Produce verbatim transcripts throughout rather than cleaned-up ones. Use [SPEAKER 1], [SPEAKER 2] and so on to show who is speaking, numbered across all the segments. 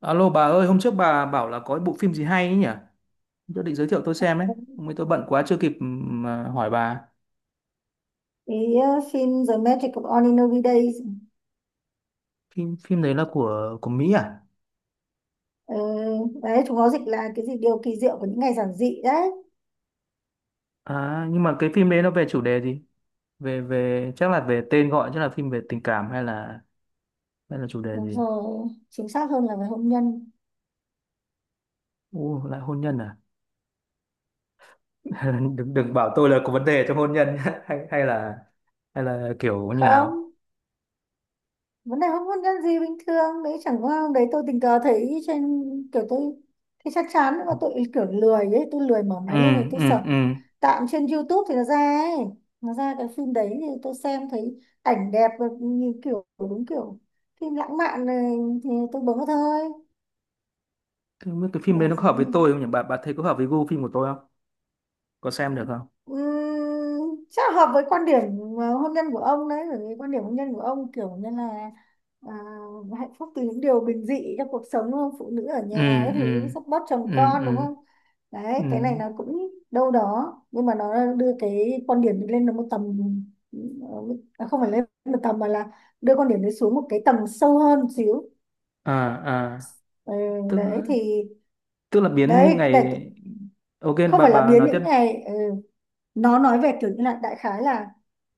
[SPEAKER 1] Alo bà ơi, hôm trước bà bảo là có cái bộ phim gì hay ấy nhỉ? Tôi định giới thiệu tôi xem ấy.
[SPEAKER 2] Cái
[SPEAKER 1] Hôm nay tôi bận quá chưa kịp ừm, mà hỏi bà.
[SPEAKER 2] ờ, phim The Magic of Ordinary Days.
[SPEAKER 1] Phim phim đấy là của của Mỹ à?
[SPEAKER 2] Ờ, Đấy, chúng nó dịch là cái gì điều kỳ diệu của những ngày giản dị đấy.
[SPEAKER 1] À nhưng mà cái phim đấy nó về chủ đề gì? Về về chắc là về tên gọi, chắc là phim về tình cảm hay là hay là chủ đề
[SPEAKER 2] Đúng
[SPEAKER 1] gì?
[SPEAKER 2] rồi, chính xác hơn là về hôn nhân.
[SPEAKER 1] Ồ lại hôn nhân à? Đừng đừng bảo tôi là có vấn đề trong hôn nhân nhá. hay hay là hay là kiểu như nào?
[SPEAKER 2] Không, vấn đề hôn hôn nhân gì, bình thường đấy, chẳng qua hôm đấy tôi tình cờ thấy trên, kiểu tôi thì chắc chắn nhưng mà tôi kiểu lười ấy, tôi lười mở
[SPEAKER 1] Ừ,
[SPEAKER 2] máy lên thì tôi
[SPEAKER 1] ừ,
[SPEAKER 2] sợ,
[SPEAKER 1] ừ.
[SPEAKER 2] tạm trên YouTube thì nó ra ấy, nó ra cái phim đấy thì tôi xem thấy ảnh đẹp và nhìn kiểu đúng kiểu phim lãng mạn này thì tôi bấm vào thôi.
[SPEAKER 1] Thế không biết cái phim
[SPEAKER 2] Để
[SPEAKER 1] đấy nó có hợp với
[SPEAKER 2] gì?
[SPEAKER 1] tôi không nhỉ? Bà bà thấy có hợp với gu phim của tôi không? Có xem được không?
[SPEAKER 2] Ừm, chắc là hợp với quan điểm ờ, hôn nhân của ông đấy, bởi vì quan điểm hôn nhân của ông kiểu như là, à, hạnh phúc từ những điều bình dị trong cuộc sống, đúng không, phụ nữ ở
[SPEAKER 1] Ừ,
[SPEAKER 2] nhà các thứ
[SPEAKER 1] ừ,
[SPEAKER 2] support
[SPEAKER 1] ừ,
[SPEAKER 2] chồng con, đúng
[SPEAKER 1] ừ,
[SPEAKER 2] không.
[SPEAKER 1] ừ.
[SPEAKER 2] Đấy, cái này nó cũng đâu đó nhưng mà nó đưa cái quan điểm lên được một tầm, ờ, không phải lên một tầm mà là đưa quan điểm đấy xuống một cái tầng sâu hơn xíu.
[SPEAKER 1] À, à,
[SPEAKER 2] ừ,
[SPEAKER 1] tức
[SPEAKER 2] Đấy thì,
[SPEAKER 1] tức là biến những
[SPEAKER 2] đấy để,
[SPEAKER 1] ngày. Ok,
[SPEAKER 2] không
[SPEAKER 1] bà
[SPEAKER 2] phải là
[SPEAKER 1] bà
[SPEAKER 2] biến
[SPEAKER 1] nói tiếp.
[SPEAKER 2] những ngày ừ. Nó nói về kiểu như là, đại khái là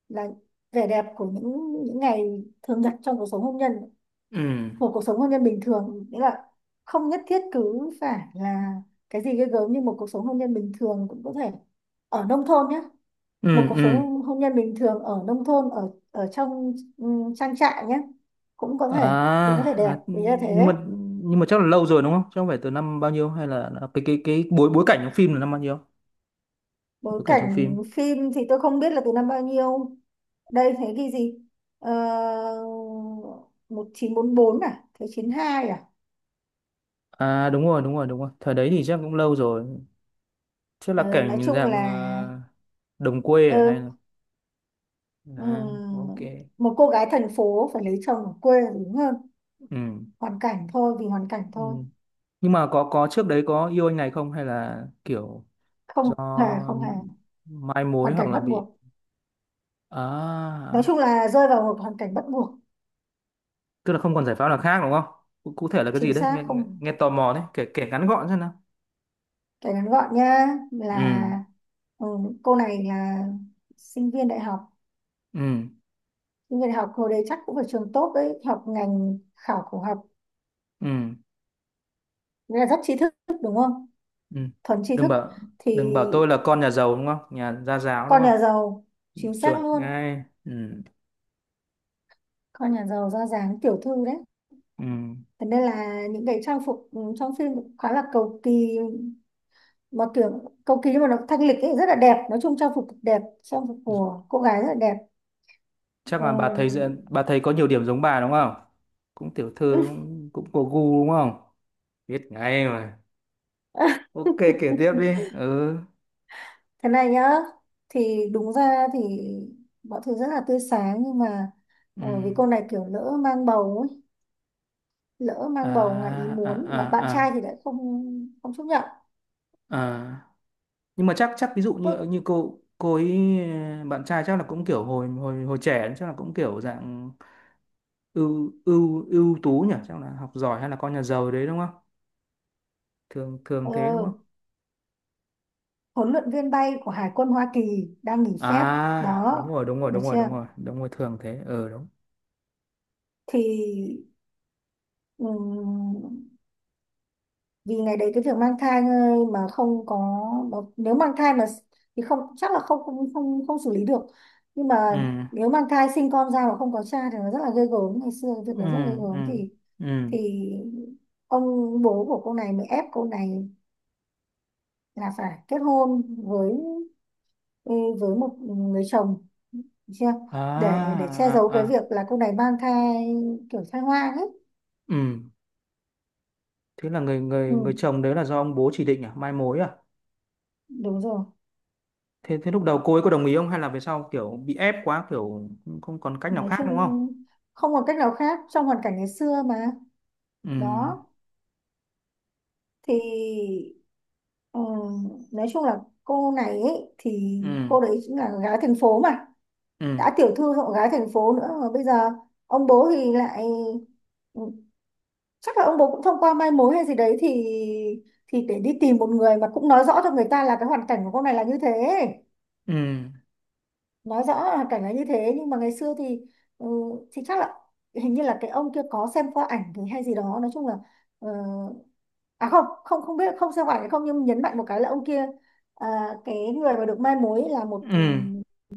[SPEAKER 2] là vẻ đẹp của những những ngày thường nhật trong cuộc sống hôn nhân.
[SPEAKER 1] Ừ,
[SPEAKER 2] Một cuộc sống hôn nhân bình thường, nghĩa là không nhất thiết cứ phải là cái gì ghê gớm, nhưng một cuộc sống hôn nhân bình thường cũng có thể, ở nông thôn nhé, một
[SPEAKER 1] ừ,
[SPEAKER 2] cuộc
[SPEAKER 1] ừ.
[SPEAKER 2] sống hôn nhân bình thường ở nông thôn, ở ở trong ừ, trang trại nhé, cũng có
[SPEAKER 1] À,
[SPEAKER 2] thể, cũng có thể đẹp,
[SPEAKER 1] à,
[SPEAKER 2] ý là
[SPEAKER 1] nhưng mà
[SPEAKER 2] thế.
[SPEAKER 1] nhưng mà chắc là lâu rồi đúng không? Chắc không phải từ năm bao nhiêu, hay là là cái cái cái bối bối cảnh trong phim là năm bao nhiêu?
[SPEAKER 2] Bối
[SPEAKER 1] Bối cảnh trong
[SPEAKER 2] cảnh
[SPEAKER 1] phim.
[SPEAKER 2] phim thì tôi không biết là từ năm bao nhiêu, đây thế ghi gì. Ờ, Một chín bốn bốn à, thế chín hai à.
[SPEAKER 1] À, đúng rồi, đúng rồi, đúng rồi, thời đấy thì chắc cũng lâu rồi. Chắc là
[SPEAKER 2] Ờ, nói
[SPEAKER 1] cảnh
[SPEAKER 2] chung
[SPEAKER 1] dạng
[SPEAKER 2] là,
[SPEAKER 1] ờ, đồng quê,
[SPEAKER 2] ờ,
[SPEAKER 1] à, hay là. À, ok.
[SPEAKER 2] ừm, một cô gái thành phố phải lấy chồng ở quê là đúng hơn.
[SPEAKER 1] Ừ,
[SPEAKER 2] Hoàn cảnh thôi, vì hoàn cảnh
[SPEAKER 1] ừ.
[SPEAKER 2] thôi.
[SPEAKER 1] Nhưng mà có có trước đấy có yêu anh này không, hay là kiểu do
[SPEAKER 2] Không hề, không hề,
[SPEAKER 1] mai mối
[SPEAKER 2] hoàn
[SPEAKER 1] hoặc
[SPEAKER 2] cảnh
[SPEAKER 1] là
[SPEAKER 2] bắt
[SPEAKER 1] bị.
[SPEAKER 2] buộc, nói
[SPEAKER 1] À,
[SPEAKER 2] chung là rơi vào một hoàn cảnh bắt buộc.
[SPEAKER 1] tức là không còn giải pháp nào khác đúng không? Cụ cụ thể là cái gì
[SPEAKER 2] Chính
[SPEAKER 1] đấy?
[SPEAKER 2] xác
[SPEAKER 1] Nghe, nghe,
[SPEAKER 2] không?
[SPEAKER 1] nghe tò mò đấy, kể kể ngắn gọn xem nào.
[SPEAKER 2] Kể ngắn gọn nha,
[SPEAKER 1] Ừ,
[SPEAKER 2] là ừ, cô này là sinh viên đại học.
[SPEAKER 1] ừ,
[SPEAKER 2] Những người học hồi đấy chắc cũng phải trường tốt đấy, học ngành khảo cổ học,
[SPEAKER 1] ừ,
[SPEAKER 2] nghĩa là rất tri thức, đúng không?
[SPEAKER 1] ừ.
[SPEAKER 2] Thuần tri
[SPEAKER 1] Đừng
[SPEAKER 2] thức,
[SPEAKER 1] bảo
[SPEAKER 2] thì
[SPEAKER 1] đừng bảo tôi là con nhà giàu đúng không? Nhà gia giáo đúng
[SPEAKER 2] con
[SPEAKER 1] không?
[SPEAKER 2] nhà giàu, chính xác
[SPEAKER 1] Chuẩn
[SPEAKER 2] luôn.
[SPEAKER 1] ngay. Ừ,
[SPEAKER 2] Con nhà giàu ra dáng tiểu thư đấy.
[SPEAKER 1] ừ.
[SPEAKER 2] Thế nên là những cái trang phục ừ, trong phim cũng khá là cầu kỳ, mà kiểu cầu kỳ nhưng mà nó thanh lịch ấy, rất là đẹp. Nói chung trang phục cực đẹp, trang phục của cô gái rất là đẹp.
[SPEAKER 1] Chắc là bà thấy
[SPEAKER 2] Ừ.
[SPEAKER 1] bà thấy có nhiều điểm giống bà đúng không? Cũng tiểu thư, cũng cũng có gu đúng không? Biết ngay mà. Ok, kể tiếp đi. Ừ.
[SPEAKER 2] Thế này nhá, thì đúng ra thì mọi thứ rất là tươi sáng nhưng mà,
[SPEAKER 1] Ừ.
[SPEAKER 2] ờ, vì cô này kiểu lỡ mang bầu ấy, lỡ
[SPEAKER 1] À,
[SPEAKER 2] mang bầu ngoài ý
[SPEAKER 1] à,
[SPEAKER 2] muốn mà bạn
[SPEAKER 1] à,
[SPEAKER 2] trai thì
[SPEAKER 1] à,
[SPEAKER 2] lại không, không chấp nhận.
[SPEAKER 1] à. Nhưng mà chắc chắc ví dụ như
[SPEAKER 2] Tốt.
[SPEAKER 1] như cô cô ấy, ờ, bạn trai chắc là cũng kiểu hồi hồi hồi trẻ chắc là cũng kiểu dạng ưu ưu ưu tú nhỉ, chắc là học giỏi hay là con nhà giàu đấy đúng không? Thường thường thế đúng
[SPEAKER 2] Ờ,
[SPEAKER 1] không?
[SPEAKER 2] Huấn luyện viên bay của Hải quân Hoa Kỳ đang nghỉ phép.
[SPEAKER 1] À,
[SPEAKER 2] Đó,
[SPEAKER 1] đúng rồi, đúng rồi,
[SPEAKER 2] được
[SPEAKER 1] đúng rồi, đúng
[SPEAKER 2] chưa?
[SPEAKER 1] rồi, đúng rồi, thường thế. Ừ, đúng.
[SPEAKER 2] Thì, ừm, vì ngày đấy cái việc mang thai mà không có, mà nếu mang thai mà thì không, chắc là không không không, không xử lý được, nhưng
[SPEAKER 1] Ừ,
[SPEAKER 2] mà nếu mang thai sinh con ra mà không có cha thì nó rất là ghê gớm, ngày xưa cái việc
[SPEAKER 1] ừ,
[SPEAKER 2] đấy rất là ghê
[SPEAKER 1] ừ,
[SPEAKER 2] gớm, thì
[SPEAKER 1] ừ.
[SPEAKER 2] thì ông bố của cô này mới ép cô này là phải kết hôn với với một người chồng. Được chưa, để để che
[SPEAKER 1] À,
[SPEAKER 2] giấu
[SPEAKER 1] à,
[SPEAKER 2] cái việc
[SPEAKER 1] à.
[SPEAKER 2] là cô này mang thai, kiểu thai hoang ấy.
[SPEAKER 1] Ừ. Thế là người
[SPEAKER 2] ừ,
[SPEAKER 1] người người chồng đấy là do ông bố chỉ định à, mai mối à?
[SPEAKER 2] Đúng rồi.
[SPEAKER 1] Thế thế lúc đầu cô ấy có đồng ý không, hay là về sau kiểu bị ép quá, kiểu không còn cách nào
[SPEAKER 2] Nói
[SPEAKER 1] khác đúng
[SPEAKER 2] chung
[SPEAKER 1] không?
[SPEAKER 2] không còn cách nào khác trong hoàn cảnh ngày xưa mà.
[SPEAKER 1] Ừ.
[SPEAKER 2] Đó thì, ừ, nói chung là cô này ấy, thì
[SPEAKER 1] Ừ.
[SPEAKER 2] cô đấy cũng là gái thành phố mà,
[SPEAKER 1] Ừ.
[SPEAKER 2] đã tiểu thư rồi còn gái thành phố nữa mà, bây giờ ông bố thì lại, ừ, chắc là ông bố cũng thông qua mai mối hay gì đấy, thì thì để đi tìm một người mà cũng nói rõ cho người ta là cái hoàn cảnh của cô này là như thế.
[SPEAKER 1] Ừ.
[SPEAKER 2] Nói rõ là hoàn cảnh là như thế nhưng mà ngày xưa thì, ừ, thì chắc là, hình như là cái ông kia có xem qua ảnh thì hay gì đó, nói chung là, ờ, à không không không biết không xem qua ảnh hay không, nhưng nhấn mạnh một cái là ông kia, à, cái người mà được mai mối là một ừ,
[SPEAKER 1] Ừ.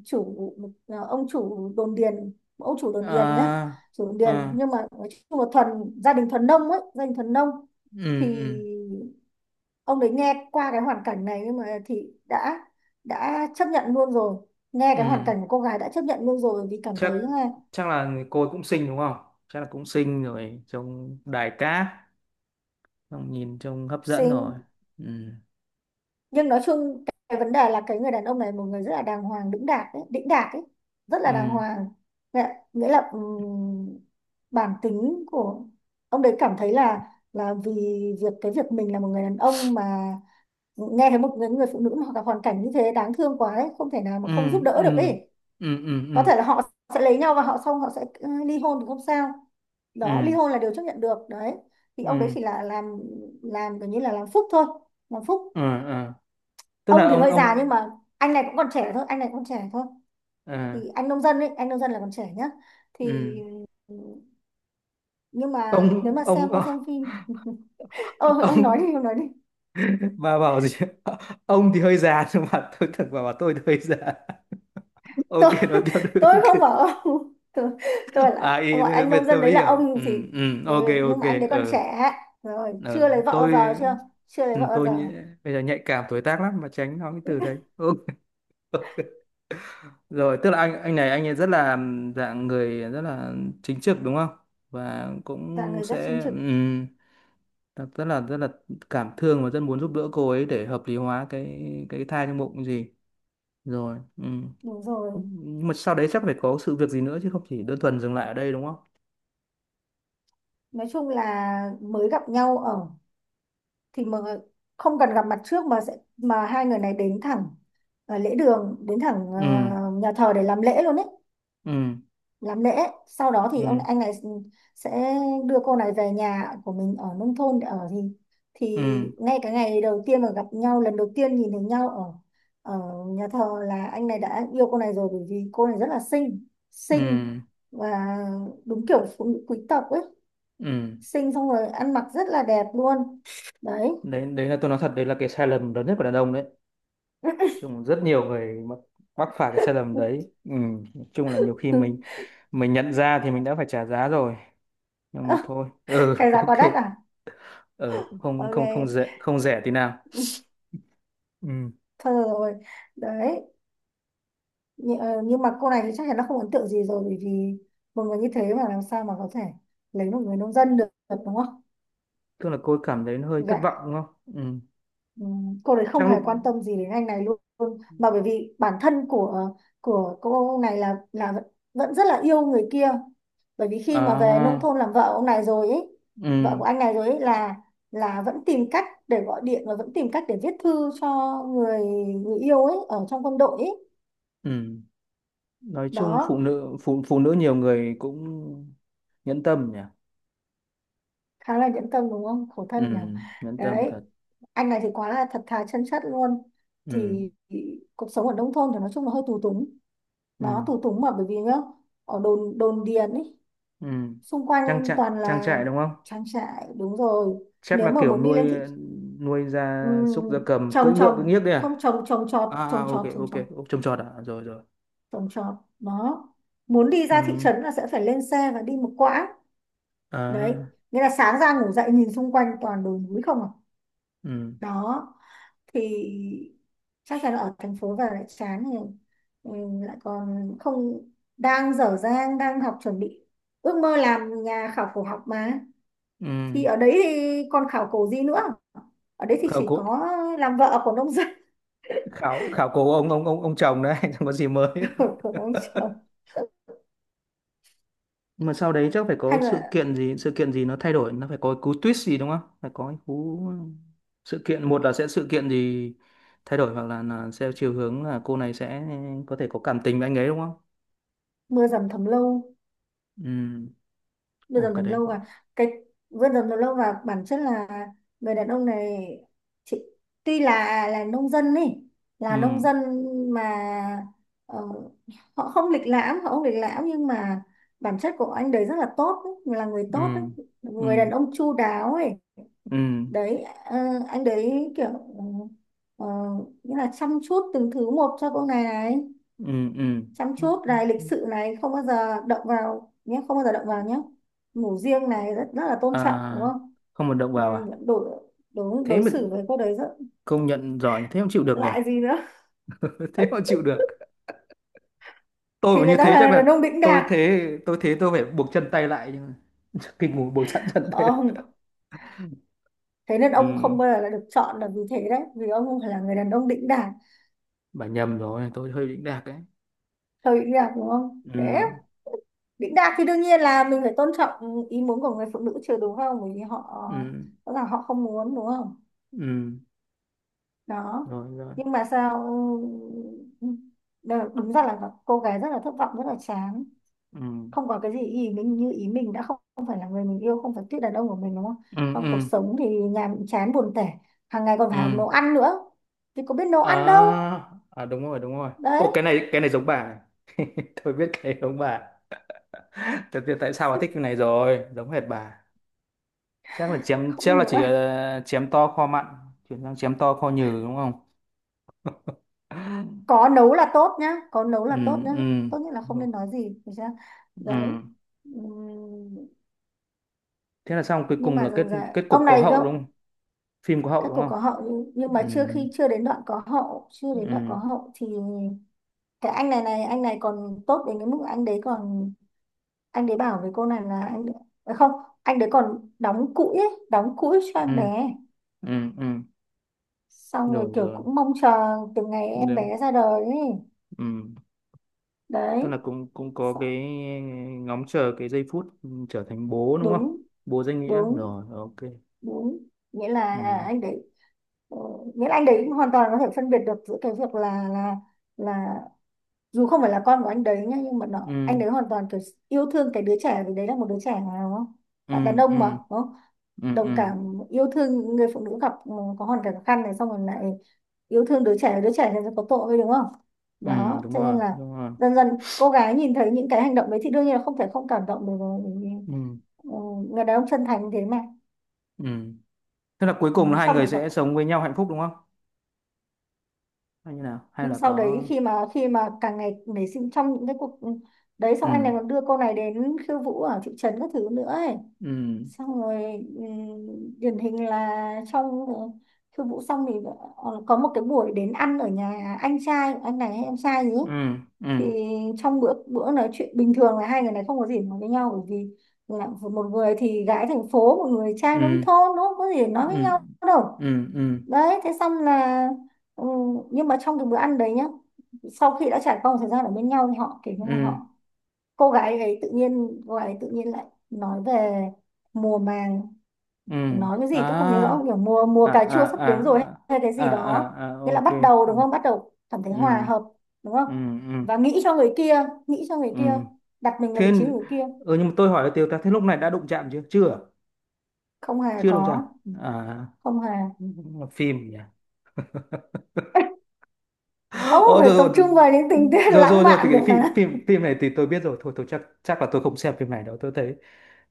[SPEAKER 2] chủ một, à, ông chủ đồn điền, ông chủ đồn điền nhá,
[SPEAKER 1] À.
[SPEAKER 2] chủ đồn điền,
[SPEAKER 1] À.
[SPEAKER 2] nhưng mà nói chung là thuần, gia đình thuần nông ấy, gia đình thuần nông.
[SPEAKER 1] Ừ.
[SPEAKER 2] Thì
[SPEAKER 1] Ừ.
[SPEAKER 2] ông đấy nghe qua cái hoàn cảnh này nhưng mà thì đã đã chấp nhận luôn rồi, nghe cái hoàn
[SPEAKER 1] Ừ.
[SPEAKER 2] cảnh của cô gái đã chấp nhận luôn rồi vì cảm thấy
[SPEAKER 1] Chắc
[SPEAKER 2] là,
[SPEAKER 1] chắc là cô ấy cũng xinh đúng không? Chắc là cũng xinh rồi, trông đài cát, trông nhìn trông hấp dẫn rồi.
[SPEAKER 2] xinh,
[SPEAKER 1] Ừ.
[SPEAKER 2] nhưng nói chung cái vấn đề là cái người đàn ông này một người rất là đàng hoàng đĩnh đạc ấy, đĩnh đạc ấy, rất là đàng
[SPEAKER 1] Ừ.
[SPEAKER 2] hoàng, nghĩa nghĩa là, ừm, bản tính của ông đấy cảm thấy là là vì việc, cái việc mình là một người đàn ông mà nghe thấy một người, người phụ nữ mà gặp hoàn cảnh như thế đáng thương quá ấy, không thể nào
[SPEAKER 1] Ừ.
[SPEAKER 2] mà không giúp đỡ được
[SPEAKER 1] Ừ.
[SPEAKER 2] ấy.
[SPEAKER 1] Ừ. Ừ.
[SPEAKER 2] Có
[SPEAKER 1] Ừ.
[SPEAKER 2] thể là họ sẽ lấy nhau và họ, xong họ sẽ ừ, ly hôn thì không sao. Đó,
[SPEAKER 1] Ừ.
[SPEAKER 2] ly hôn là điều chấp nhận được đấy, thì ông
[SPEAKER 1] Ừ.
[SPEAKER 2] đấy chỉ là làm làm kiểu như là làm phúc thôi, làm phúc.
[SPEAKER 1] Ừ. Ừ. Tức
[SPEAKER 2] Ông
[SPEAKER 1] là
[SPEAKER 2] thì
[SPEAKER 1] ông
[SPEAKER 2] hơi già nhưng
[SPEAKER 1] ông
[SPEAKER 2] mà anh này cũng còn trẻ thôi, anh này cũng còn trẻ thôi,
[SPEAKER 1] à.
[SPEAKER 2] thì anh nông dân ấy, anh nông dân là còn trẻ nhá. Thì,
[SPEAKER 1] Ừ.
[SPEAKER 2] nhưng mà nếu
[SPEAKER 1] Ông
[SPEAKER 2] mà
[SPEAKER 1] ông
[SPEAKER 2] xem ông xem phim. Ờ, ông nói
[SPEAKER 1] ông,
[SPEAKER 2] đi, ông nói đi.
[SPEAKER 1] bà bảo gì? Ông thì hơi già nhưng mà tôi thật, bà bảo tôi thì hơi già. Ok,
[SPEAKER 2] tôi
[SPEAKER 1] nói tiếp được.
[SPEAKER 2] tôi không bảo
[SPEAKER 1] Ok.
[SPEAKER 2] ông tôi, tôi lại
[SPEAKER 1] À, ý
[SPEAKER 2] gọi anh
[SPEAKER 1] bên
[SPEAKER 2] nông dân
[SPEAKER 1] tôi mới
[SPEAKER 2] đấy là
[SPEAKER 1] hiểu.
[SPEAKER 2] ông
[SPEAKER 1] Ừ,
[SPEAKER 2] thì.
[SPEAKER 1] ừ,
[SPEAKER 2] ừ,
[SPEAKER 1] ok,
[SPEAKER 2] nhưng
[SPEAKER 1] ok.
[SPEAKER 2] mà anh đấy còn
[SPEAKER 1] Ờ.
[SPEAKER 2] trẻ, rồi chưa
[SPEAKER 1] Ờ,
[SPEAKER 2] lấy vợ bao giờ,
[SPEAKER 1] tôi.
[SPEAKER 2] chưa, chưa lấy
[SPEAKER 1] Ừ,
[SPEAKER 2] vợ bao
[SPEAKER 1] tôi
[SPEAKER 2] giờ.
[SPEAKER 1] nhĩ- bây giờ nhạy cảm tuổi tác lắm mà, tránh nói cái từ đấy, ok. Rồi, tức là anh anh này, anh ấy rất là ừ, dạng người rất là chính trực đúng không, và
[SPEAKER 2] Dạ
[SPEAKER 1] cũng
[SPEAKER 2] người rất chính
[SPEAKER 1] sẽ
[SPEAKER 2] trực,
[SPEAKER 1] ừm, rất rất là rất là cảm thương và rất muốn giúp đỡ cô ấy để hợp lý hóa cái cái thai trong bụng gì rồi. Ừ.
[SPEAKER 2] đúng rồi.
[SPEAKER 1] Nhưng mà sau đấy chắc phải có sự việc gì nữa chứ không chỉ đơn thuần dừng lại ở đây đúng không?
[SPEAKER 2] Nói chung là mới gặp nhau ở thì mà, không cần gặp mặt trước mà sẽ, mà hai người này đến thẳng ờ, lễ đường, đến thẳng
[SPEAKER 1] Ừ,
[SPEAKER 2] ờ, nhà thờ để làm lễ luôn ấy,
[SPEAKER 1] ừ,
[SPEAKER 2] làm lễ. Sau đó thì ông
[SPEAKER 1] ừ,
[SPEAKER 2] anh này sẽ đưa cô này về nhà của mình ở nông thôn để ở, thì thì
[SPEAKER 1] ừ,
[SPEAKER 2] ngay cái ngày đầu tiên mà gặp nhau lần đầu tiên nhìn thấy nhau ở ở nhà thờ là anh này đã yêu cô này rồi, bởi vì cô này rất là xinh,
[SPEAKER 1] ừ,
[SPEAKER 2] xinh và đúng kiểu phụ nữ quý tộc ấy,
[SPEAKER 1] ừ.
[SPEAKER 2] xinh xong rồi ăn mặc rất là đẹp luôn. Đấy.
[SPEAKER 1] Đấy đấy là tôi nói thật, đấy là cái sai lầm lớn nhất của đàn ông đấy. Chung rất nhiều người mắc mắc phải cái sai lầm đấy. Ừ, nói chung là nhiều khi mình mình nhận ra thì mình đã phải trả giá rồi, nhưng mà thôi. Ừ.
[SPEAKER 2] Cái giá
[SPEAKER 1] Ok.
[SPEAKER 2] quá đắt à?
[SPEAKER 1] Ừ, không, không, không
[SPEAKER 2] Ok,
[SPEAKER 1] rẻ không rẻ tí nào. Ừ,
[SPEAKER 2] thôi được rồi. Đấy. Nh- ờ, nhưng mà cô này thì chắc chắn nó không ấn tượng gì rồi, bởi vì một người như thế mà làm sao mà có thể lấy một người nông dân được, đúng không.
[SPEAKER 1] tức là cô cảm thấy hơi thất
[SPEAKER 2] Dạ.
[SPEAKER 1] vọng đúng không? Ừ,
[SPEAKER 2] Ừm, cô đấy không
[SPEAKER 1] trong
[SPEAKER 2] hề
[SPEAKER 1] lúc.
[SPEAKER 2] quan tâm gì đến anh này luôn, mà bởi vì bản thân của ờ, của cô này là là vẫn, vẫn rất là yêu người kia, bởi vì khi mà về nông
[SPEAKER 1] À,
[SPEAKER 2] thôn làm vợ ông này rồi ấy,
[SPEAKER 1] ừ,
[SPEAKER 2] vợ của anh này rồi ấy là là vẫn tìm cách để gọi điện và vẫn tìm cách để viết thư cho người, người yêu ấy ở trong quân đội ấy.
[SPEAKER 1] ừ. Nói chung phụ
[SPEAKER 2] Đó,
[SPEAKER 1] nữ, phụ phụ nữ nhiều người cũng nhẫn tâm nhỉ.
[SPEAKER 2] khá là nhẫn tâm đúng không, khổ
[SPEAKER 1] Ừ,
[SPEAKER 2] thân nhỉ.
[SPEAKER 1] nhẫn tâm
[SPEAKER 2] Đấy,
[SPEAKER 1] thật.
[SPEAKER 2] anh này thì quá là thật thà chân chất luôn.
[SPEAKER 1] Ừ,
[SPEAKER 2] Thì cuộc sống ở nông thôn thì nói chung là hơi tù túng,
[SPEAKER 1] ừ,
[SPEAKER 2] nó tù túng mà bởi vì nhá, ở đồn đồn điền ấy,
[SPEAKER 1] ừ,
[SPEAKER 2] xung
[SPEAKER 1] trang
[SPEAKER 2] quanh
[SPEAKER 1] trại,
[SPEAKER 2] toàn
[SPEAKER 1] trang
[SPEAKER 2] là
[SPEAKER 1] trại đúng không?
[SPEAKER 2] trang trại, đúng rồi.
[SPEAKER 1] Chắc
[SPEAKER 2] Nếu
[SPEAKER 1] là
[SPEAKER 2] mà
[SPEAKER 1] kiểu
[SPEAKER 2] muốn đi
[SPEAKER 1] nuôi,
[SPEAKER 2] lên thị,
[SPEAKER 1] nuôi
[SPEAKER 2] ừ,
[SPEAKER 1] gia súc, gia cầm, cưỡi
[SPEAKER 2] trồng
[SPEAKER 1] ngựa cưỡi
[SPEAKER 2] trồng
[SPEAKER 1] nghiếc đấy à?
[SPEAKER 2] không, trồng, trồng trọt
[SPEAKER 1] À, à,
[SPEAKER 2] trồng
[SPEAKER 1] ok,
[SPEAKER 2] trọt trồng
[SPEAKER 1] ok.
[SPEAKER 2] trọt,
[SPEAKER 1] Ốc trông trọt à, rồi, rồi.
[SPEAKER 2] trồng trọt đó. Muốn đi
[SPEAKER 1] Ừ.
[SPEAKER 2] ra thị trấn là sẽ phải lên xe và đi một quãng. Đấy,
[SPEAKER 1] À.
[SPEAKER 2] nghĩa là sáng ra ngủ dậy nhìn xung quanh toàn đồi núi không à.
[SPEAKER 1] Ừ,
[SPEAKER 2] Đó, thì chắc chắn là ở thành phố và lại chán thì, ừ, lại còn không, đang dở dang đang học chuẩn bị ước mơ làm nhà khảo cổ học mà,
[SPEAKER 1] ừ.
[SPEAKER 2] thì ở đấy thì còn khảo cổ gì nữa, ở đấy thì
[SPEAKER 1] Khảo
[SPEAKER 2] chỉ
[SPEAKER 1] cổ,
[SPEAKER 2] có làm vợ của nông dân.
[SPEAKER 1] khảo khảo cổ ông ông ông ông chồng đấy chẳng có gì mới.
[SPEAKER 2] của của ông chồng.
[SPEAKER 1] Nhưng mà sau đấy chắc phải có
[SPEAKER 2] Hay
[SPEAKER 1] sự
[SPEAKER 2] là
[SPEAKER 1] kiện gì, sự kiện gì nó thay đổi, nó phải có cú twist gì đúng không, phải có cái cú sự kiện. Một là sẽ sự kiện gì thay đổi, hoặc là, là theo chiều hướng là cô này sẽ có thể có cảm tình với anh ấy đúng không?
[SPEAKER 2] mưa dầm thấm lâu,
[SPEAKER 1] Ừ.
[SPEAKER 2] mưa
[SPEAKER 1] ồ
[SPEAKER 2] dầm
[SPEAKER 1] cái
[SPEAKER 2] thấm
[SPEAKER 1] đấy
[SPEAKER 2] lâu.
[SPEAKER 1] cũng-
[SPEAKER 2] Và cái mưa dầm thấm lâu và bản chất là người đàn ông này, chị, tuy là là nông dân ấy,
[SPEAKER 1] Ừ,
[SPEAKER 2] là nông dân mà, ờ, họ không lịch lãm, họ không lịch lãm nhưng mà bản chất của anh đấy rất là tốt ấy, là người
[SPEAKER 1] ừ,
[SPEAKER 2] tốt ấy,
[SPEAKER 1] ừ,
[SPEAKER 2] người đàn ông chu đáo ấy.
[SPEAKER 1] ừ,
[SPEAKER 2] Đấy, ờ, anh đấy kiểu ờ, ờ, nghĩa là chăm chút từng thứ Một cho cô này này,
[SPEAKER 1] ừ, ừ.
[SPEAKER 2] chăm chút này, lịch sự này, không bao giờ động vào nhé, không bao giờ động vào nhé, ngủ riêng này, rất rất là tôn trọng, đúng
[SPEAKER 1] À,
[SPEAKER 2] không?
[SPEAKER 1] không một động
[SPEAKER 2] Ừ,
[SPEAKER 1] vào à?
[SPEAKER 2] đối, đối
[SPEAKER 1] Thế
[SPEAKER 2] đối
[SPEAKER 1] mà
[SPEAKER 2] xử với cô đấy rất
[SPEAKER 1] công nhận giỏi, thế mà chịu được nhỉ.
[SPEAKER 2] lại gì nữa.
[SPEAKER 1] Thế mà chịu được. Tôi
[SPEAKER 2] Thì
[SPEAKER 1] mà
[SPEAKER 2] người
[SPEAKER 1] như
[SPEAKER 2] ta
[SPEAKER 1] thế chắc
[SPEAKER 2] là
[SPEAKER 1] là
[SPEAKER 2] đàn ông đĩnh
[SPEAKER 1] tôi
[SPEAKER 2] đạc.
[SPEAKER 1] thế tôi thế tôi phải buộc chân tay lại, nhưng mà kinh, ngủ buộc sẵn chân tay.
[SPEAKER 2] Không, thế nên
[SPEAKER 1] Ừ,
[SPEAKER 2] ông không bao giờ là được chọn là vì thế đấy, vì ông không phải là người đàn ông đĩnh đạc.
[SPEAKER 1] bà nhầm rồi, tôi hơi đỉnh đạc đấy.
[SPEAKER 2] Hơi đĩnh đạc, đúng không?
[SPEAKER 1] Ừ,
[SPEAKER 2] Thế đĩnh đạc thì đương nhiên là mình phải tôn trọng ý muốn của người phụ nữ chứ, đúng không? Bởi vì họ
[SPEAKER 1] ừ,
[SPEAKER 2] rõ ràng họ không muốn, đúng không?
[SPEAKER 1] ừ,
[SPEAKER 2] Đó.
[SPEAKER 1] rồi, rồi.
[SPEAKER 2] Nhưng mà sao ừ, đờ- đúng ra là cô gái rất là thất vọng, rất là chán,
[SPEAKER 1] Ừ,
[SPEAKER 2] không có cái gì ý mình, như ý mình đã không, không phải là người mình yêu, không phải tuyết đàn ông của mình, đúng không?
[SPEAKER 1] ừ,
[SPEAKER 2] Trong
[SPEAKER 1] ừ,
[SPEAKER 2] cuộc sống thì nhàm chán, buồn tẻ, hàng ngày còn
[SPEAKER 1] ừ.
[SPEAKER 2] phải học nấu ăn nữa, thì có biết nấu ăn đâu.
[SPEAKER 1] À, à đúng rồi, đúng rồi.
[SPEAKER 2] Đấy,
[SPEAKER 1] Ô, cái này cái này giống bà này. Tôi biết cái này giống bà. Thật, biết tại sao bà thích cái này rồi, giống hệt bà. Chắc là chém
[SPEAKER 2] không biết
[SPEAKER 1] chắc là
[SPEAKER 2] nấu
[SPEAKER 1] chỉ
[SPEAKER 2] ăn,
[SPEAKER 1] ờ, chém to kho mặn, chuyển sang chém to kho nhừ đúng không?
[SPEAKER 2] có nấu là tốt nhá, có nấu
[SPEAKER 1] Ừ,
[SPEAKER 2] là tốt nhá.
[SPEAKER 1] ừ,
[SPEAKER 2] Tốt nhất là không nên nói gì, được chưa?
[SPEAKER 1] ừ.
[SPEAKER 2] Đấy. Ừm,
[SPEAKER 1] Thế là xong, cuối
[SPEAKER 2] nhưng
[SPEAKER 1] cùng là
[SPEAKER 2] mà
[SPEAKER 1] kết
[SPEAKER 2] dần dần
[SPEAKER 1] kết cục
[SPEAKER 2] ông
[SPEAKER 1] có
[SPEAKER 2] này cơ,
[SPEAKER 1] hậu đúng không? Phim có hậu
[SPEAKER 2] các
[SPEAKER 1] đúng
[SPEAKER 2] cô
[SPEAKER 1] không?
[SPEAKER 2] có hậu nhưng, nhưng mà
[SPEAKER 1] Ừ,
[SPEAKER 2] chưa khi chưa đến đoạn có hậu, chưa đến đoạn có
[SPEAKER 1] ừ,
[SPEAKER 2] hậu thì cái anh này này, anh này còn tốt đến cái mức anh đấy còn, anh đấy bảo với cô này là anh, à không, anh đấy còn đóng cũi ấy, đóng cũi cho
[SPEAKER 1] ừ,
[SPEAKER 2] em bé,
[SPEAKER 1] ừ, ừ.
[SPEAKER 2] xong rồi
[SPEAKER 1] Rồi,
[SPEAKER 2] kiểu
[SPEAKER 1] rồi,
[SPEAKER 2] cũng mong chờ từ ngày em
[SPEAKER 1] được.
[SPEAKER 2] bé ra đời ấy.
[SPEAKER 1] Ừ, tức là
[SPEAKER 2] Đấy.
[SPEAKER 1] cũng cũng có cái
[SPEAKER 2] Sợ-
[SPEAKER 1] ngóng chờ cái giây phút ừ, trở thành bố đúng không?
[SPEAKER 2] Đúng,
[SPEAKER 1] Bố danh nghĩa
[SPEAKER 2] đúng,
[SPEAKER 1] rồi, ok.
[SPEAKER 2] đúng, nghĩa là à,
[SPEAKER 1] Ừ,
[SPEAKER 2] anh đấy Ờ, nghĩa là anh đấy hoàn toàn có thể phân biệt được giữa cái việc là là là dù không phải là con của anh đấy nhá, nhưng mà nó
[SPEAKER 1] ừ,
[SPEAKER 2] anh đấy hoàn toàn kiểu yêu thương cái đứa trẻ, vì đấy là một đứa trẻ mà, đúng không?
[SPEAKER 1] ừ,
[SPEAKER 2] Bạn đàn
[SPEAKER 1] ừ,
[SPEAKER 2] ông mà, đúng không?
[SPEAKER 1] ừ,
[SPEAKER 2] Đồng
[SPEAKER 1] ừ,
[SPEAKER 2] cảm yêu thương những người phụ nữ gặp ừ, có hoàn cảnh khó khăn này, xong rồi lại yêu thương đứa trẻ, đứa trẻ này có tội, đúng không?
[SPEAKER 1] ừ.
[SPEAKER 2] Đó
[SPEAKER 1] Đúng
[SPEAKER 2] cho
[SPEAKER 1] rồi,
[SPEAKER 2] nên là
[SPEAKER 1] đúng rồi.
[SPEAKER 2] dần dần cô gái nhìn thấy những cái hành động đấy thì đương nhiên là không thể không cảm động được rồi, bởi vì,
[SPEAKER 1] Ừ,
[SPEAKER 2] ừ, người đàn ông chân thành thế mà.
[SPEAKER 1] ừ. Tức là cuối
[SPEAKER 2] Ừ,
[SPEAKER 1] cùng là hai
[SPEAKER 2] xong
[SPEAKER 1] người
[SPEAKER 2] rồi.
[SPEAKER 1] sẽ sống với nhau hạnh phúc đúng không, hay như nào, hay
[SPEAKER 2] Nhưng
[SPEAKER 1] là
[SPEAKER 2] sau đấy
[SPEAKER 1] có.
[SPEAKER 2] khi mà khi mà càng ngày nảy sinh trong những cái cuộc, đấy,
[SPEAKER 1] Ừ,
[SPEAKER 2] xong anh này còn đưa cô này đến khiêu vũ ở thị trấn các thứ nữa ấy.
[SPEAKER 1] ừ,
[SPEAKER 2] Xong rồi, ừm, điển hình là trong ờ, khiêu vũ xong thì ờ, có một cái buổi đến ăn ở nhà anh trai của anh này hay em trai gì ấy.
[SPEAKER 1] ừ, ừ, ừ,
[SPEAKER 2] Thì trong bữa bữa nói chuyện bình thường là hai người này không có gì nói với nhau, bởi vì là một người thì gái thành phố, một người trai nông
[SPEAKER 1] ừ.
[SPEAKER 2] thôn, nó không có gì để nói với
[SPEAKER 1] Ừ,
[SPEAKER 2] nhau đâu.
[SPEAKER 1] ừ, ừ,
[SPEAKER 2] Đấy thế xong là ừ, nhưng mà trong cái bữa ăn đấy nhá, sau khi đã trải qua một thời gian ở bên nhau thì họ kiểu như là
[SPEAKER 1] ừ,
[SPEAKER 2] họ, cô gái ấy tự nhiên, cô gái ấy tự nhiên lại nói về mùa màng,
[SPEAKER 1] ừ,
[SPEAKER 2] nói cái gì tôi không nhớ rõ,
[SPEAKER 1] à,
[SPEAKER 2] kiểu mùa mùa
[SPEAKER 1] à,
[SPEAKER 2] cà
[SPEAKER 1] à,
[SPEAKER 2] chua sắp
[SPEAKER 1] à,
[SPEAKER 2] đến rồi hay cái
[SPEAKER 1] à,
[SPEAKER 2] gì
[SPEAKER 1] à,
[SPEAKER 2] đó.
[SPEAKER 1] à,
[SPEAKER 2] Nghĩa là
[SPEAKER 1] ok,
[SPEAKER 2] bắt đầu, đúng
[SPEAKER 1] ừ,
[SPEAKER 2] không? Bắt đầu cảm thấy
[SPEAKER 1] ừ,
[SPEAKER 2] hòa hợp, đúng không?
[SPEAKER 1] ừ, ừ,
[SPEAKER 2] Và nghĩ cho người kia, nghĩ cho người
[SPEAKER 1] ừ.
[SPEAKER 2] kia, đặt mình vào vị
[SPEAKER 1] Thế
[SPEAKER 2] trí người kia.
[SPEAKER 1] ừ, nhưng mà tôi hỏi là Tiều ta, thế lúc này đã đụng chạm chưa, chưa à?
[SPEAKER 2] Không hề
[SPEAKER 1] Chưa đụng chạm,
[SPEAKER 2] có,
[SPEAKER 1] à
[SPEAKER 2] không hề.
[SPEAKER 1] là phim nhỉ.
[SPEAKER 2] Ông
[SPEAKER 1] Ồ,
[SPEAKER 2] phải tập
[SPEAKER 1] rồi,
[SPEAKER 2] trung vào những tình tiết
[SPEAKER 1] rồi, rồi,
[SPEAKER 2] lãng
[SPEAKER 1] rồi, rồi, thì
[SPEAKER 2] mạn
[SPEAKER 1] cái
[SPEAKER 2] được
[SPEAKER 1] phim
[SPEAKER 2] hả?
[SPEAKER 1] phim phim này thì tôi biết rồi, thôi tôi chắc chắc là tôi không xem phim này đâu. Tôi thấy,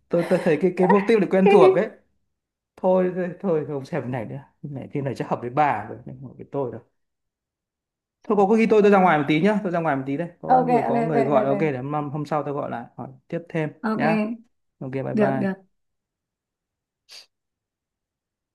[SPEAKER 1] tôi tôi thấy cái cái mục tiêu này quen thuộc ấy. Thôi, thôi, thôi không xem phim này nữa, phim này phim này chắc hợp với bà rồi, không hợp với tôi đâu. Thôi có khi tôi tôi ra
[SPEAKER 2] Ừ.
[SPEAKER 1] ngoài một tí nhá, tôi ra ngoài một tí đây. Có
[SPEAKER 2] Ok
[SPEAKER 1] vừa
[SPEAKER 2] ok
[SPEAKER 1] có người
[SPEAKER 2] ok
[SPEAKER 1] gọi,
[SPEAKER 2] ok,
[SPEAKER 1] ok, để hôm, hôm sau tôi gọi lại hỏi tiếp thêm
[SPEAKER 2] ok,
[SPEAKER 1] nhá. Ok, bye
[SPEAKER 2] được được.
[SPEAKER 1] bye.